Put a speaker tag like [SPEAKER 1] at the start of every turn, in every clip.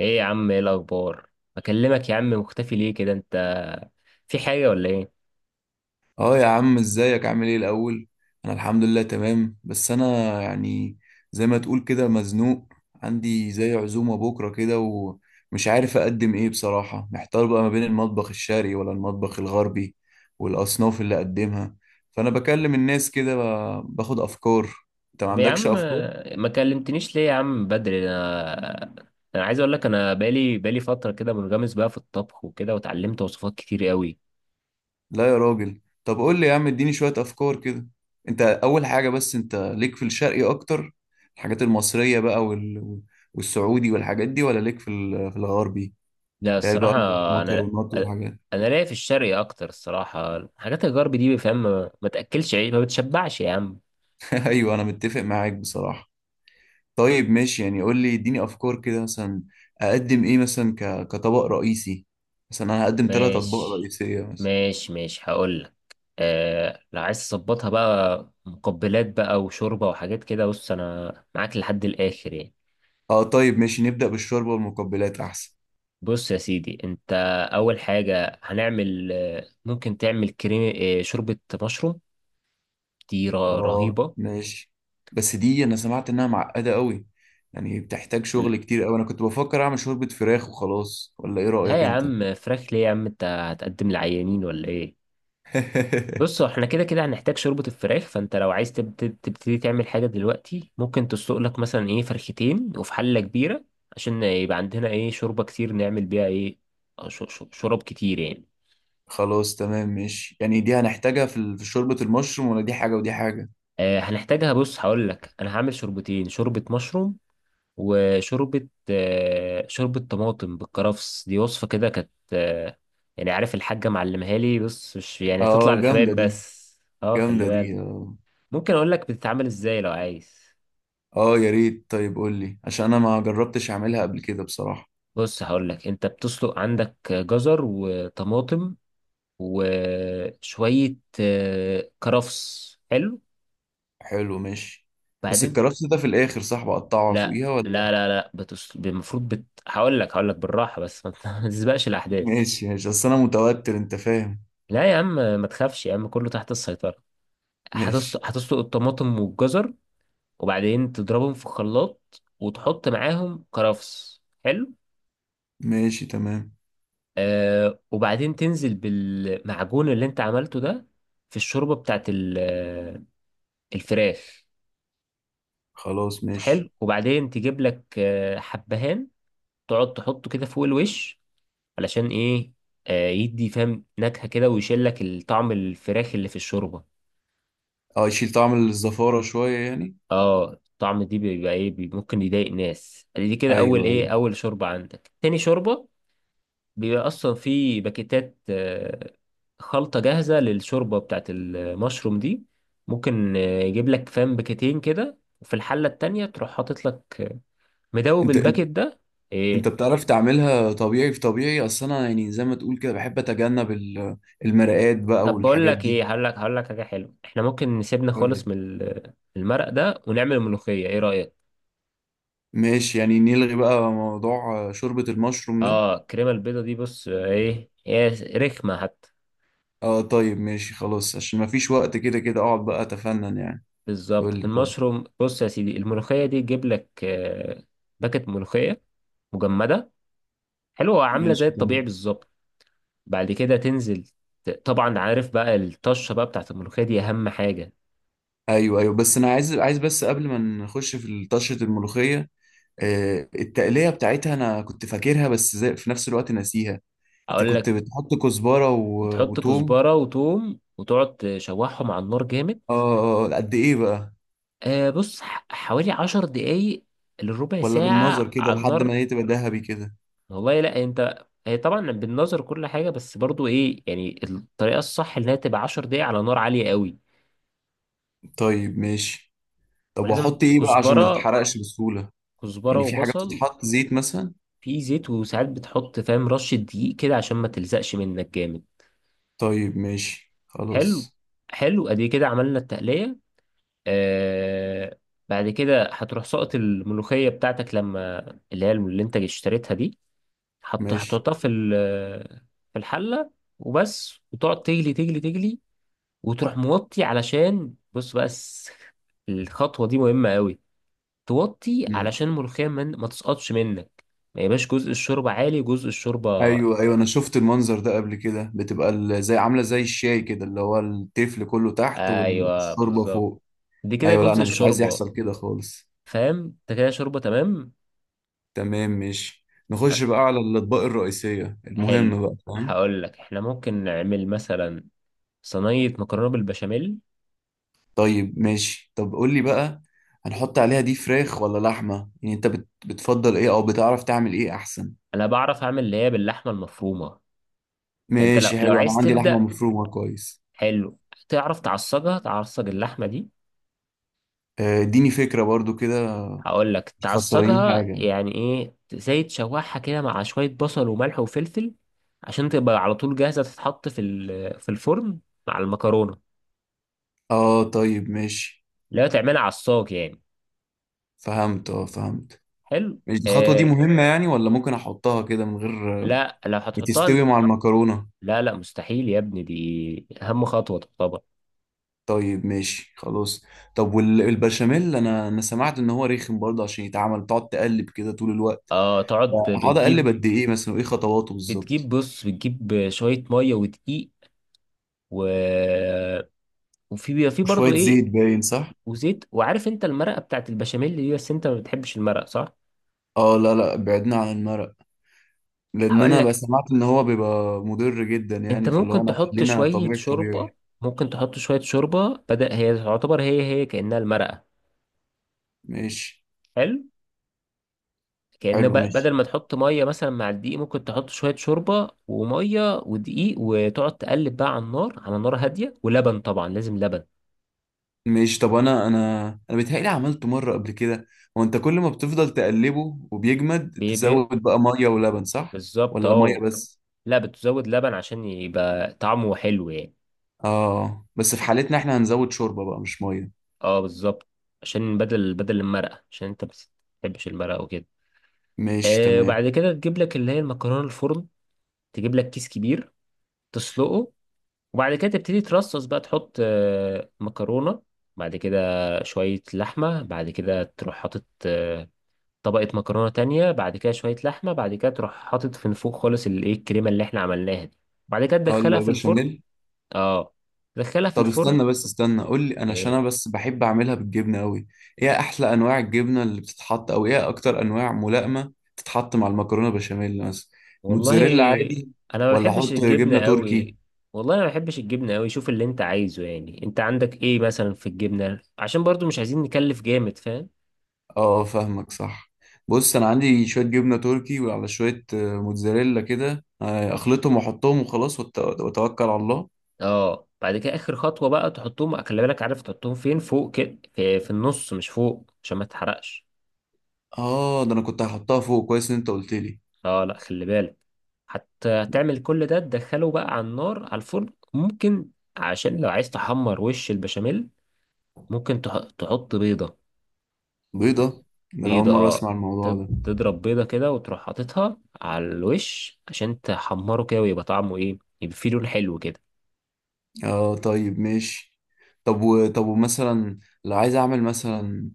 [SPEAKER 1] ايه يا عم، ايه الاخبار؟ اكلمك يا عم، مختفي ليه كده انت؟ في حاجه ولا ايه؟
[SPEAKER 2] اه يا عم ازيك؟ عامل ايه الاول؟ انا الحمد لله تمام، بس انا يعني زي ما تقول كده مزنوق. عندي زي عزومة بكرة كده ومش عارف اقدم ايه، بصراحة محتار بقى ما بين المطبخ الشرقي ولا المطبخ الغربي والاصناف اللي اقدمها. فانا بكلم الناس كده باخد افكار. انت ما
[SPEAKER 1] طب يا
[SPEAKER 2] عندكش
[SPEAKER 1] عم،
[SPEAKER 2] افكار؟
[SPEAKER 1] ما كلمتنيش ليه يا عم بدري انا؟ انا عايز اقول لك، انا بقالي فتره كده منغمس بقى في الطبخ وكده، وتعلمت وصفات كتير قوي.
[SPEAKER 2] لا يا راجل، طب قول لي يا عم اديني شوية افكار كده. انت اول حاجة بس، انت ليك في الشرقي اكتر، الحاجات المصرية بقى وال... والسعودي والحاجات دي، ولا ليك في في الغربي
[SPEAKER 1] لا،
[SPEAKER 2] ده بقى،
[SPEAKER 1] الصراحه انا
[SPEAKER 2] المكرونات والحاجات؟
[SPEAKER 1] انا لاقي في الشرقي اكتر الصراحه، حاجات الغرب دي فاهم، ما تاكلش عيش، ما بتشبعش يا عم.
[SPEAKER 2] ايوه انا متفق معاك بصراحة. طيب ماشي، يعني قول لي اديني افكار كده. مثلا اقدم ايه مثلا كطبق رئيسي؟ مثلا انا هقدم 3 اطباق
[SPEAKER 1] ماشي
[SPEAKER 2] رئيسية مثلا.
[SPEAKER 1] ماشي ماشي، هقول لك. آه، لو عايز تظبطها بقى مقبلات بقى وشوربة وحاجات كده، بص أنا معاك لحد الآخر يعني.
[SPEAKER 2] اه طيب ماشي، نبدأ بالشوربة والمقبلات احسن.
[SPEAKER 1] بص يا سيدي، أنت أول حاجة هنعمل ممكن تعمل كريم شوربة مشروم، دي
[SPEAKER 2] اه
[SPEAKER 1] رهيبة.
[SPEAKER 2] ماشي، بس دي انا سمعت انها معقدة قوي، يعني بتحتاج شغل كتير قوي. انا كنت بفكر اعمل شوربة فراخ وخلاص، ولا ايه
[SPEAKER 1] لا
[SPEAKER 2] رأيك
[SPEAKER 1] يا
[SPEAKER 2] انت؟
[SPEAKER 1] عم، فراخ ليه يا عم؟ أنت هتقدم لعيانين ولا إيه؟ بص، هو احنا كده كده هنحتاج شوربة الفراخ، فانت لو عايز تبتدي تعمل حاجة دلوقتي ممكن تسلق لك مثلا ايه فرختين وفي حلة كبيرة، عشان يبقى عندنا ايه شوربة كتير نعمل بيها ايه. شرب كتير يعني.
[SPEAKER 2] خلاص تمام ماشي، يعني دي هنحتاجها في في شوربة المشروم، ولا دي حاجة ودي حاجة؟
[SPEAKER 1] آه، هنحتاجها. بص هقول لك، انا هعمل شوربتين: شوربة مشروم، وشوربة شوربة طماطم بالكرفس. دي وصفة كده كانت. يعني عارف الحاجة معلمها لي، بص مش يعني هتطلع
[SPEAKER 2] اه جامدة
[SPEAKER 1] للحبايب
[SPEAKER 2] دي.
[SPEAKER 1] بس. اه، خلي
[SPEAKER 2] جامدة
[SPEAKER 1] بالك.
[SPEAKER 2] دي اه.
[SPEAKER 1] ممكن اقول لك بتتعمل ازاي لو عايز.
[SPEAKER 2] اه يا ريت، طيب قول لي عشان انا ما جربتش اعملها قبل كده بصراحة.
[SPEAKER 1] بص هقول لك، انت بتسلق عندك جزر وطماطم وشوية كرفس حلو،
[SPEAKER 2] حلو ماشي. بس
[SPEAKER 1] بعدين.
[SPEAKER 2] الكرفس ده في الاخر صح بقطعه
[SPEAKER 1] لا
[SPEAKER 2] فوقيها، ولا
[SPEAKER 1] لا لا لا بتس... المفروض بت... هقول لك بالراحة، بس ما ت- ما تسبقش الأحداث.
[SPEAKER 2] ماشي ماشي، اصل انا متوتر انت فاهم.
[SPEAKER 1] لا يا عم، ما تخافش يا عم، كله تحت السيطرة.
[SPEAKER 2] ماشي.
[SPEAKER 1] هتسلق الطماطم والجزر، وبعدين تضربهم في خلاط وتحط معاهم كرفس حلو.
[SPEAKER 2] ماشي تمام.
[SPEAKER 1] وبعدين تنزل بالمعجون اللي انت عملته ده في الشوربة بتاعت الفراخ.
[SPEAKER 2] خلاص
[SPEAKER 1] حلو،
[SPEAKER 2] ماشي.
[SPEAKER 1] وبعدين تجيب لك حبهان، تقعد تحطه كده فوق الوش. علشان ايه؟ يدي فاهم نكهة كده، ويشيل لك الطعم الفراخ اللي في الشوربة.
[SPEAKER 2] اه يشيل طعم الزفارة شوية يعني.
[SPEAKER 1] اه، الطعم دي بيبقى ايه ممكن يضايق ناس. دي كده اول
[SPEAKER 2] ايوه
[SPEAKER 1] ايه
[SPEAKER 2] ايوه.
[SPEAKER 1] اول شوربة عندك. تاني شوربة بيبقى اصلا في باكيتات خلطة جاهزة للشوربة بتاعت المشروم دي. ممكن يجيب لك فاهم باكيتين كده، وفي الحلة التانية تروح حاطط لك مدوب
[SPEAKER 2] انت
[SPEAKER 1] الباكيت ده. إيه،
[SPEAKER 2] انت بتعرف تعملها طبيعي في طبيعي؟ اصل انا يعني زي ما تقول كده بحب اتجنب المرقات بقى
[SPEAKER 1] طب بقول
[SPEAKER 2] والحاجات
[SPEAKER 1] لك
[SPEAKER 2] دي.
[SPEAKER 1] ايه، هقول لك حاجه حلوه، احنا ممكن نسيبنا
[SPEAKER 2] قولي.
[SPEAKER 1] خالص من المرق ده ونعمل الملوخيه، ايه رايك؟
[SPEAKER 2] ماشي يعني، نلغي بقى موضوع شوربة المشروم ده.
[SPEAKER 1] اه، الكريمه البيضه دي بص ايه هي رخمه حتى.
[SPEAKER 2] اه طيب ماشي خلاص، عشان ما فيش وقت كده كده اقعد بقى اتفنن يعني. قول
[SPEAKER 1] بالظبط
[SPEAKER 2] لي طب.
[SPEAKER 1] المشروم. بص يا سيدي، الملوخيه دي تجيب لك باكت ملوخيه مجمده حلوه عامله زي
[SPEAKER 2] ماشي
[SPEAKER 1] الطبيعي
[SPEAKER 2] تمام.
[SPEAKER 1] بالظبط. بعد كده تنزل، طبعا عارف بقى الطشه بقى بتاعت الملوخيه دي اهم حاجه.
[SPEAKER 2] ايوه ايوه، بس انا عايز، عايز بس قبل ما نخش في طشة الملوخية، التقلية بتاعتها أنا كنت فاكرها بس زي في نفس الوقت ناسيها. أنت
[SPEAKER 1] اقول
[SPEAKER 2] كنت
[SPEAKER 1] لك:
[SPEAKER 2] بتحط كزبرة و...
[SPEAKER 1] تحط
[SPEAKER 2] وتوم.
[SPEAKER 1] كزبره وتوم وتقعد تشوحهم على النار جامد.
[SPEAKER 2] قد إيه بقى؟
[SPEAKER 1] بص حوالي 10 دقايق لربع
[SPEAKER 2] ولا بالنظر
[SPEAKER 1] ساعة
[SPEAKER 2] كده
[SPEAKER 1] على
[SPEAKER 2] لحد ما
[SPEAKER 1] النار.
[SPEAKER 2] هي تبقى ذهبي كده؟
[SPEAKER 1] والله لا، انت هي طبعا بالنظر كل حاجة، بس برضو ايه يعني الطريقة الصح انها تبقى 10 دقايق على نار عالية قوي.
[SPEAKER 2] طيب ماشي. طب
[SPEAKER 1] ولازم
[SPEAKER 2] وأحط إيه بقى عشان ما
[SPEAKER 1] كزبرة.
[SPEAKER 2] تتحرقش بسهولة؟
[SPEAKER 1] كزبرة
[SPEAKER 2] يعني في حاجة
[SPEAKER 1] وبصل.
[SPEAKER 2] بتتحط زيت مثلا؟
[SPEAKER 1] في زيت، وساعات بتحط فاهم رشة دقيق كده عشان ما تلزقش منك جامد.
[SPEAKER 2] طيب ماشي
[SPEAKER 1] حلو.
[SPEAKER 2] خلاص.
[SPEAKER 1] حلو، ادي كده عملنا التقلية. آه بعد كده هتروح سقط الملوخية بتاعتك، لما اللي انت اشتريتها دي،
[SPEAKER 2] ماشي.
[SPEAKER 1] هتحطها في في الحلة وبس، وتقعد تجلي تجلي تجلي، وتروح موطي. علشان بص بس، الخطوة دي مهمة قوي، توطي
[SPEAKER 2] مم.
[SPEAKER 1] علشان الملوخية من ما تسقطش منك، ما يبقاش جزء الشوربة عالي وجزء الشوربة.
[SPEAKER 2] ايوه ايوه انا شفت المنظر ده قبل كده، بتبقى زي عامله زي الشاي كده، اللي هو التفل كله تحت
[SPEAKER 1] ايوه
[SPEAKER 2] والشوربه
[SPEAKER 1] بالظبط،
[SPEAKER 2] فوق.
[SPEAKER 1] دي كده
[SPEAKER 2] ايوه لا
[SPEAKER 1] جزء
[SPEAKER 2] انا مش عايز
[SPEAKER 1] الشوربة
[SPEAKER 2] يحصل كده خالص.
[SPEAKER 1] فاهم. انت كده شوربة تمام.
[SPEAKER 2] تمام ماشي، نخش بقى على الأطباق الرئيسية
[SPEAKER 1] حلو،
[SPEAKER 2] المهم بقى فاهم.
[SPEAKER 1] هقول لك احنا ممكن نعمل مثلا صينية مكرونة بالبشاميل.
[SPEAKER 2] طيب ماشي، طب قول لي بقى، هنحط عليها دي فراخ ولا لحمة؟ يعني انت بتفضل ايه او بتعرف تعمل ايه احسن؟
[SPEAKER 1] انا بعرف اعمل اللي هي باللحمة المفرومة. فانت لو
[SPEAKER 2] ماشي
[SPEAKER 1] لو
[SPEAKER 2] حلو، انا
[SPEAKER 1] عايز
[SPEAKER 2] عندي لحمة
[SPEAKER 1] تبدأ،
[SPEAKER 2] مفرومة كويس.
[SPEAKER 1] حلو، تعرف تعصجها؟ تعصج اللحمة دي.
[SPEAKER 2] اديني فكرة برضو كده.
[SPEAKER 1] هقول لك
[SPEAKER 2] مش خسرانين حاجة
[SPEAKER 1] تعصجها،
[SPEAKER 2] يعني؟
[SPEAKER 1] يعني ايه زي تشوحها كده مع شوية بصل وملح وفلفل، عشان تبقى على طول جاهزة تتحط في في الفرن مع المكرونة.
[SPEAKER 2] اه طيب ماشي.
[SPEAKER 1] لا، تعملها عصاج يعني.
[SPEAKER 2] فهمت اه فهمت.
[SPEAKER 1] حلو.
[SPEAKER 2] ماشي الخطوة دي
[SPEAKER 1] آه
[SPEAKER 2] مهمة يعني، ولا ممكن احطها كده من غير؟
[SPEAKER 1] لا، لو
[SPEAKER 2] بتستوي
[SPEAKER 1] هتحطها،
[SPEAKER 2] مع المكرونة؟
[SPEAKER 1] لا لا مستحيل يا ابني، دي أهم خطوة تعتبر.
[SPEAKER 2] طيب ماشي خلاص. طب والبشاميل، انا سمعت ان هو رخم برضه، عشان يتعمل تقعد تقلب كده طول الوقت؟
[SPEAKER 1] اه، تقعد
[SPEAKER 2] هقعد اقلب
[SPEAKER 1] بتجيب
[SPEAKER 2] قد ايه مثلا؟ وايه خطواته
[SPEAKER 1] بتجيب
[SPEAKER 2] بالظبط؟
[SPEAKER 1] بص بتجيب شوية مية ودقيق، و وفي بيبقى في برضه
[SPEAKER 2] وشوية
[SPEAKER 1] ايه،
[SPEAKER 2] زيت باين صح؟
[SPEAKER 1] وزيت. وعارف انت المرقه بتاعت البشاميل دي، بس انت ما بتحبش المرقه صح.
[SPEAKER 2] اه لا لا، بعدنا عن المرق، لان
[SPEAKER 1] هقول
[SPEAKER 2] انا بقى
[SPEAKER 1] لك
[SPEAKER 2] سمعت ان هو بيبقى مضر جدا
[SPEAKER 1] انت
[SPEAKER 2] يعني، في اللي هو
[SPEAKER 1] ممكن
[SPEAKER 2] انا
[SPEAKER 1] تحط
[SPEAKER 2] خلينا
[SPEAKER 1] شويه
[SPEAKER 2] طبيعي طبيعي.
[SPEAKER 1] شوربه. ممكن تحط شويه شوربه بدل، هي تعتبر هي كانها المرقه.
[SPEAKER 2] ماشي
[SPEAKER 1] حلو. كأن
[SPEAKER 2] حلو. ماشي
[SPEAKER 1] بدل ما تحط ميه مثلا مع الدقيق، ممكن تحط شويه شوربه وميه ودقيق، وتقعد تقلب بقى على النار، على نار هاديه، ولبن طبعا لازم لبن.
[SPEAKER 2] ماشي، طب انا انا بيتهيألي عملته مرة قبل كده. هو انت كل ما بتفضل تقلبه وبيجمد
[SPEAKER 1] بي بي
[SPEAKER 2] تزود بقى مية ولبن صح؟
[SPEAKER 1] بالظبط
[SPEAKER 2] ولا مية
[SPEAKER 1] اه.
[SPEAKER 2] بس؟
[SPEAKER 1] لا، بتزود لبن عشان يبقى طعمه حلو يعني.
[SPEAKER 2] اه، بس في حالتنا احنا هنزود شوربة بقى مش مية.
[SPEAKER 1] اه بالظبط، عشان بدل المرقه، عشان انت بس تحبش المرقة وكده.
[SPEAKER 2] ماشي تمام.
[SPEAKER 1] وبعد كده تجيب لك اللي هي المكرونه الفرن، تجيب لك كيس كبير تسلقه، وبعد كده تبتدي ترصص بقى، تحط مكرونه، بعد كده شويه لحمه، بعد كده تروح حاطط طبقه مكرونه تانية، بعد كده شويه لحمه، بعد كده تروح حاطط في فوق خالص الكريمه اللي احنا عملناها دي، بعد كده
[SPEAKER 2] اقول له
[SPEAKER 1] تدخلها في
[SPEAKER 2] بشاميل.
[SPEAKER 1] الفرن. اه، تدخلها في
[SPEAKER 2] طب
[SPEAKER 1] الفرن
[SPEAKER 2] استنى بس استنى، قول لي انا عشان
[SPEAKER 1] آه،
[SPEAKER 2] انا بس بحب اعملها بالجبنة قوي. ايه احلى انواع الجبنة اللي بتتحط؟ او ايه اكتر انواع ملائمة تتحط مع المكرونة بشاميل مثلا؟
[SPEAKER 1] والله
[SPEAKER 2] موتزاريلا عادي،
[SPEAKER 1] انا ما
[SPEAKER 2] ولا
[SPEAKER 1] بحبش
[SPEAKER 2] احط
[SPEAKER 1] الجبنه
[SPEAKER 2] جبنة تركي؟
[SPEAKER 1] قوي. والله انا ما بحبش الجبنه قوي. شوف اللي انت عايزه يعني، انت عندك ايه مثلا في الجبنه، عشان برضو مش عايزين نكلف جامد فاهم.
[SPEAKER 2] اه فاهمك صح. بص انا عندي شوية جبنة تركي وعلى شوية موتزاريلا كده، اخلطهم واحطهم وخلاص، واتوكل على الله.
[SPEAKER 1] اه، بعد كده اخر خطوه بقى تحطهم، خلي بالك عارف تحطهم فين؟ فوق كده في النص، مش فوق، عشان ما تحرقش.
[SPEAKER 2] اه، ده انا كنت هحطها فوق، كويس ان انت قلت لي.
[SPEAKER 1] اه لا، خلي بالك. حتى هتعمل كل ده تدخله بقى على النار، على الفرن ممكن. عشان لو عايز تحمر وش البشاميل، ممكن تحط بيضه.
[SPEAKER 2] بيضة؟ ده أنا أول
[SPEAKER 1] بيضة
[SPEAKER 2] مرة أسمع الموضوع ده.
[SPEAKER 1] تضرب بيضة كده وتروح حاططها على الوش عشان تحمره كده، ويبقى طعمه ايه، يبقى فيه لون حلو كده.
[SPEAKER 2] آه طيب ماشي. طب ومثلا لو عايز أعمل مثلا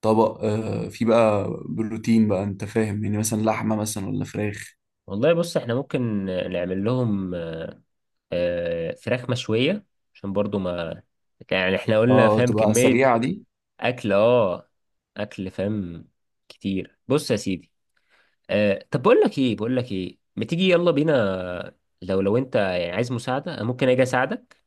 [SPEAKER 2] طبق آه فيه بقى بروتين بقى، أنت فاهم، يعني مثلا لحمة مثلا ولا فراخ؟
[SPEAKER 1] والله بص احنا ممكن نعمل لهم فراخ مشوية، عشان برضو ما يعني احنا قلنا
[SPEAKER 2] آه
[SPEAKER 1] فاهم
[SPEAKER 2] تبقى
[SPEAKER 1] كمية
[SPEAKER 2] سريعة دي.
[SPEAKER 1] اكل. اه، اكل فاهم كتير. بص يا سيدي، طب بقول لك ايه ما تيجي يلا بينا. لو انت يعني عايز مساعدة، أنا ممكن اجي اساعدك،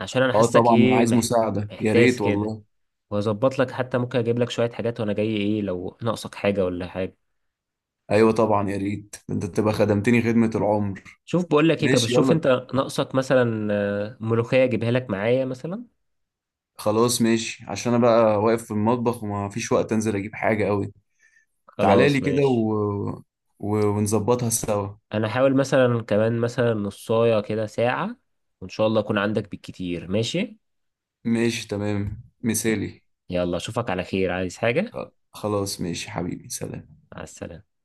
[SPEAKER 1] عشان انا
[SPEAKER 2] آه
[SPEAKER 1] حاسك
[SPEAKER 2] طبعا أنا عايز مساعدة، يا
[SPEAKER 1] محتاس
[SPEAKER 2] ريت
[SPEAKER 1] كده.
[SPEAKER 2] والله.
[SPEAKER 1] واظبط لك حتى ممكن اجيب لك شوية حاجات وانا جاي، ايه لو ناقصك حاجة ولا حاجة.
[SPEAKER 2] أيوة طبعا يا ريت، ده أنت تبقى خدمتني خدمة العمر.
[SPEAKER 1] شوف بقول لك ايه، طب
[SPEAKER 2] ماشي
[SPEAKER 1] شوف انت
[SPEAKER 2] يلا.
[SPEAKER 1] ناقصك مثلا ملوخية اجيبها لك معايا مثلا.
[SPEAKER 2] خلاص ماشي، عشان أنا بقى واقف في المطبخ وما فيش وقت أنزل أجيب حاجة أوي. تعالى لي
[SPEAKER 1] خلاص
[SPEAKER 2] كده
[SPEAKER 1] ماشي.
[SPEAKER 2] و... و... ونظبطها سوا.
[SPEAKER 1] انا هحاول مثلا كمان مثلا نصاية كده ساعة، وان شاء الله اكون عندك بالكتير ماشي.
[SPEAKER 2] ماشي تمام مثالي.
[SPEAKER 1] يلا، اشوفك على خير. عايز حاجة؟
[SPEAKER 2] خلاص ماشي حبيبي، سلام.
[SPEAKER 1] مع السلامة.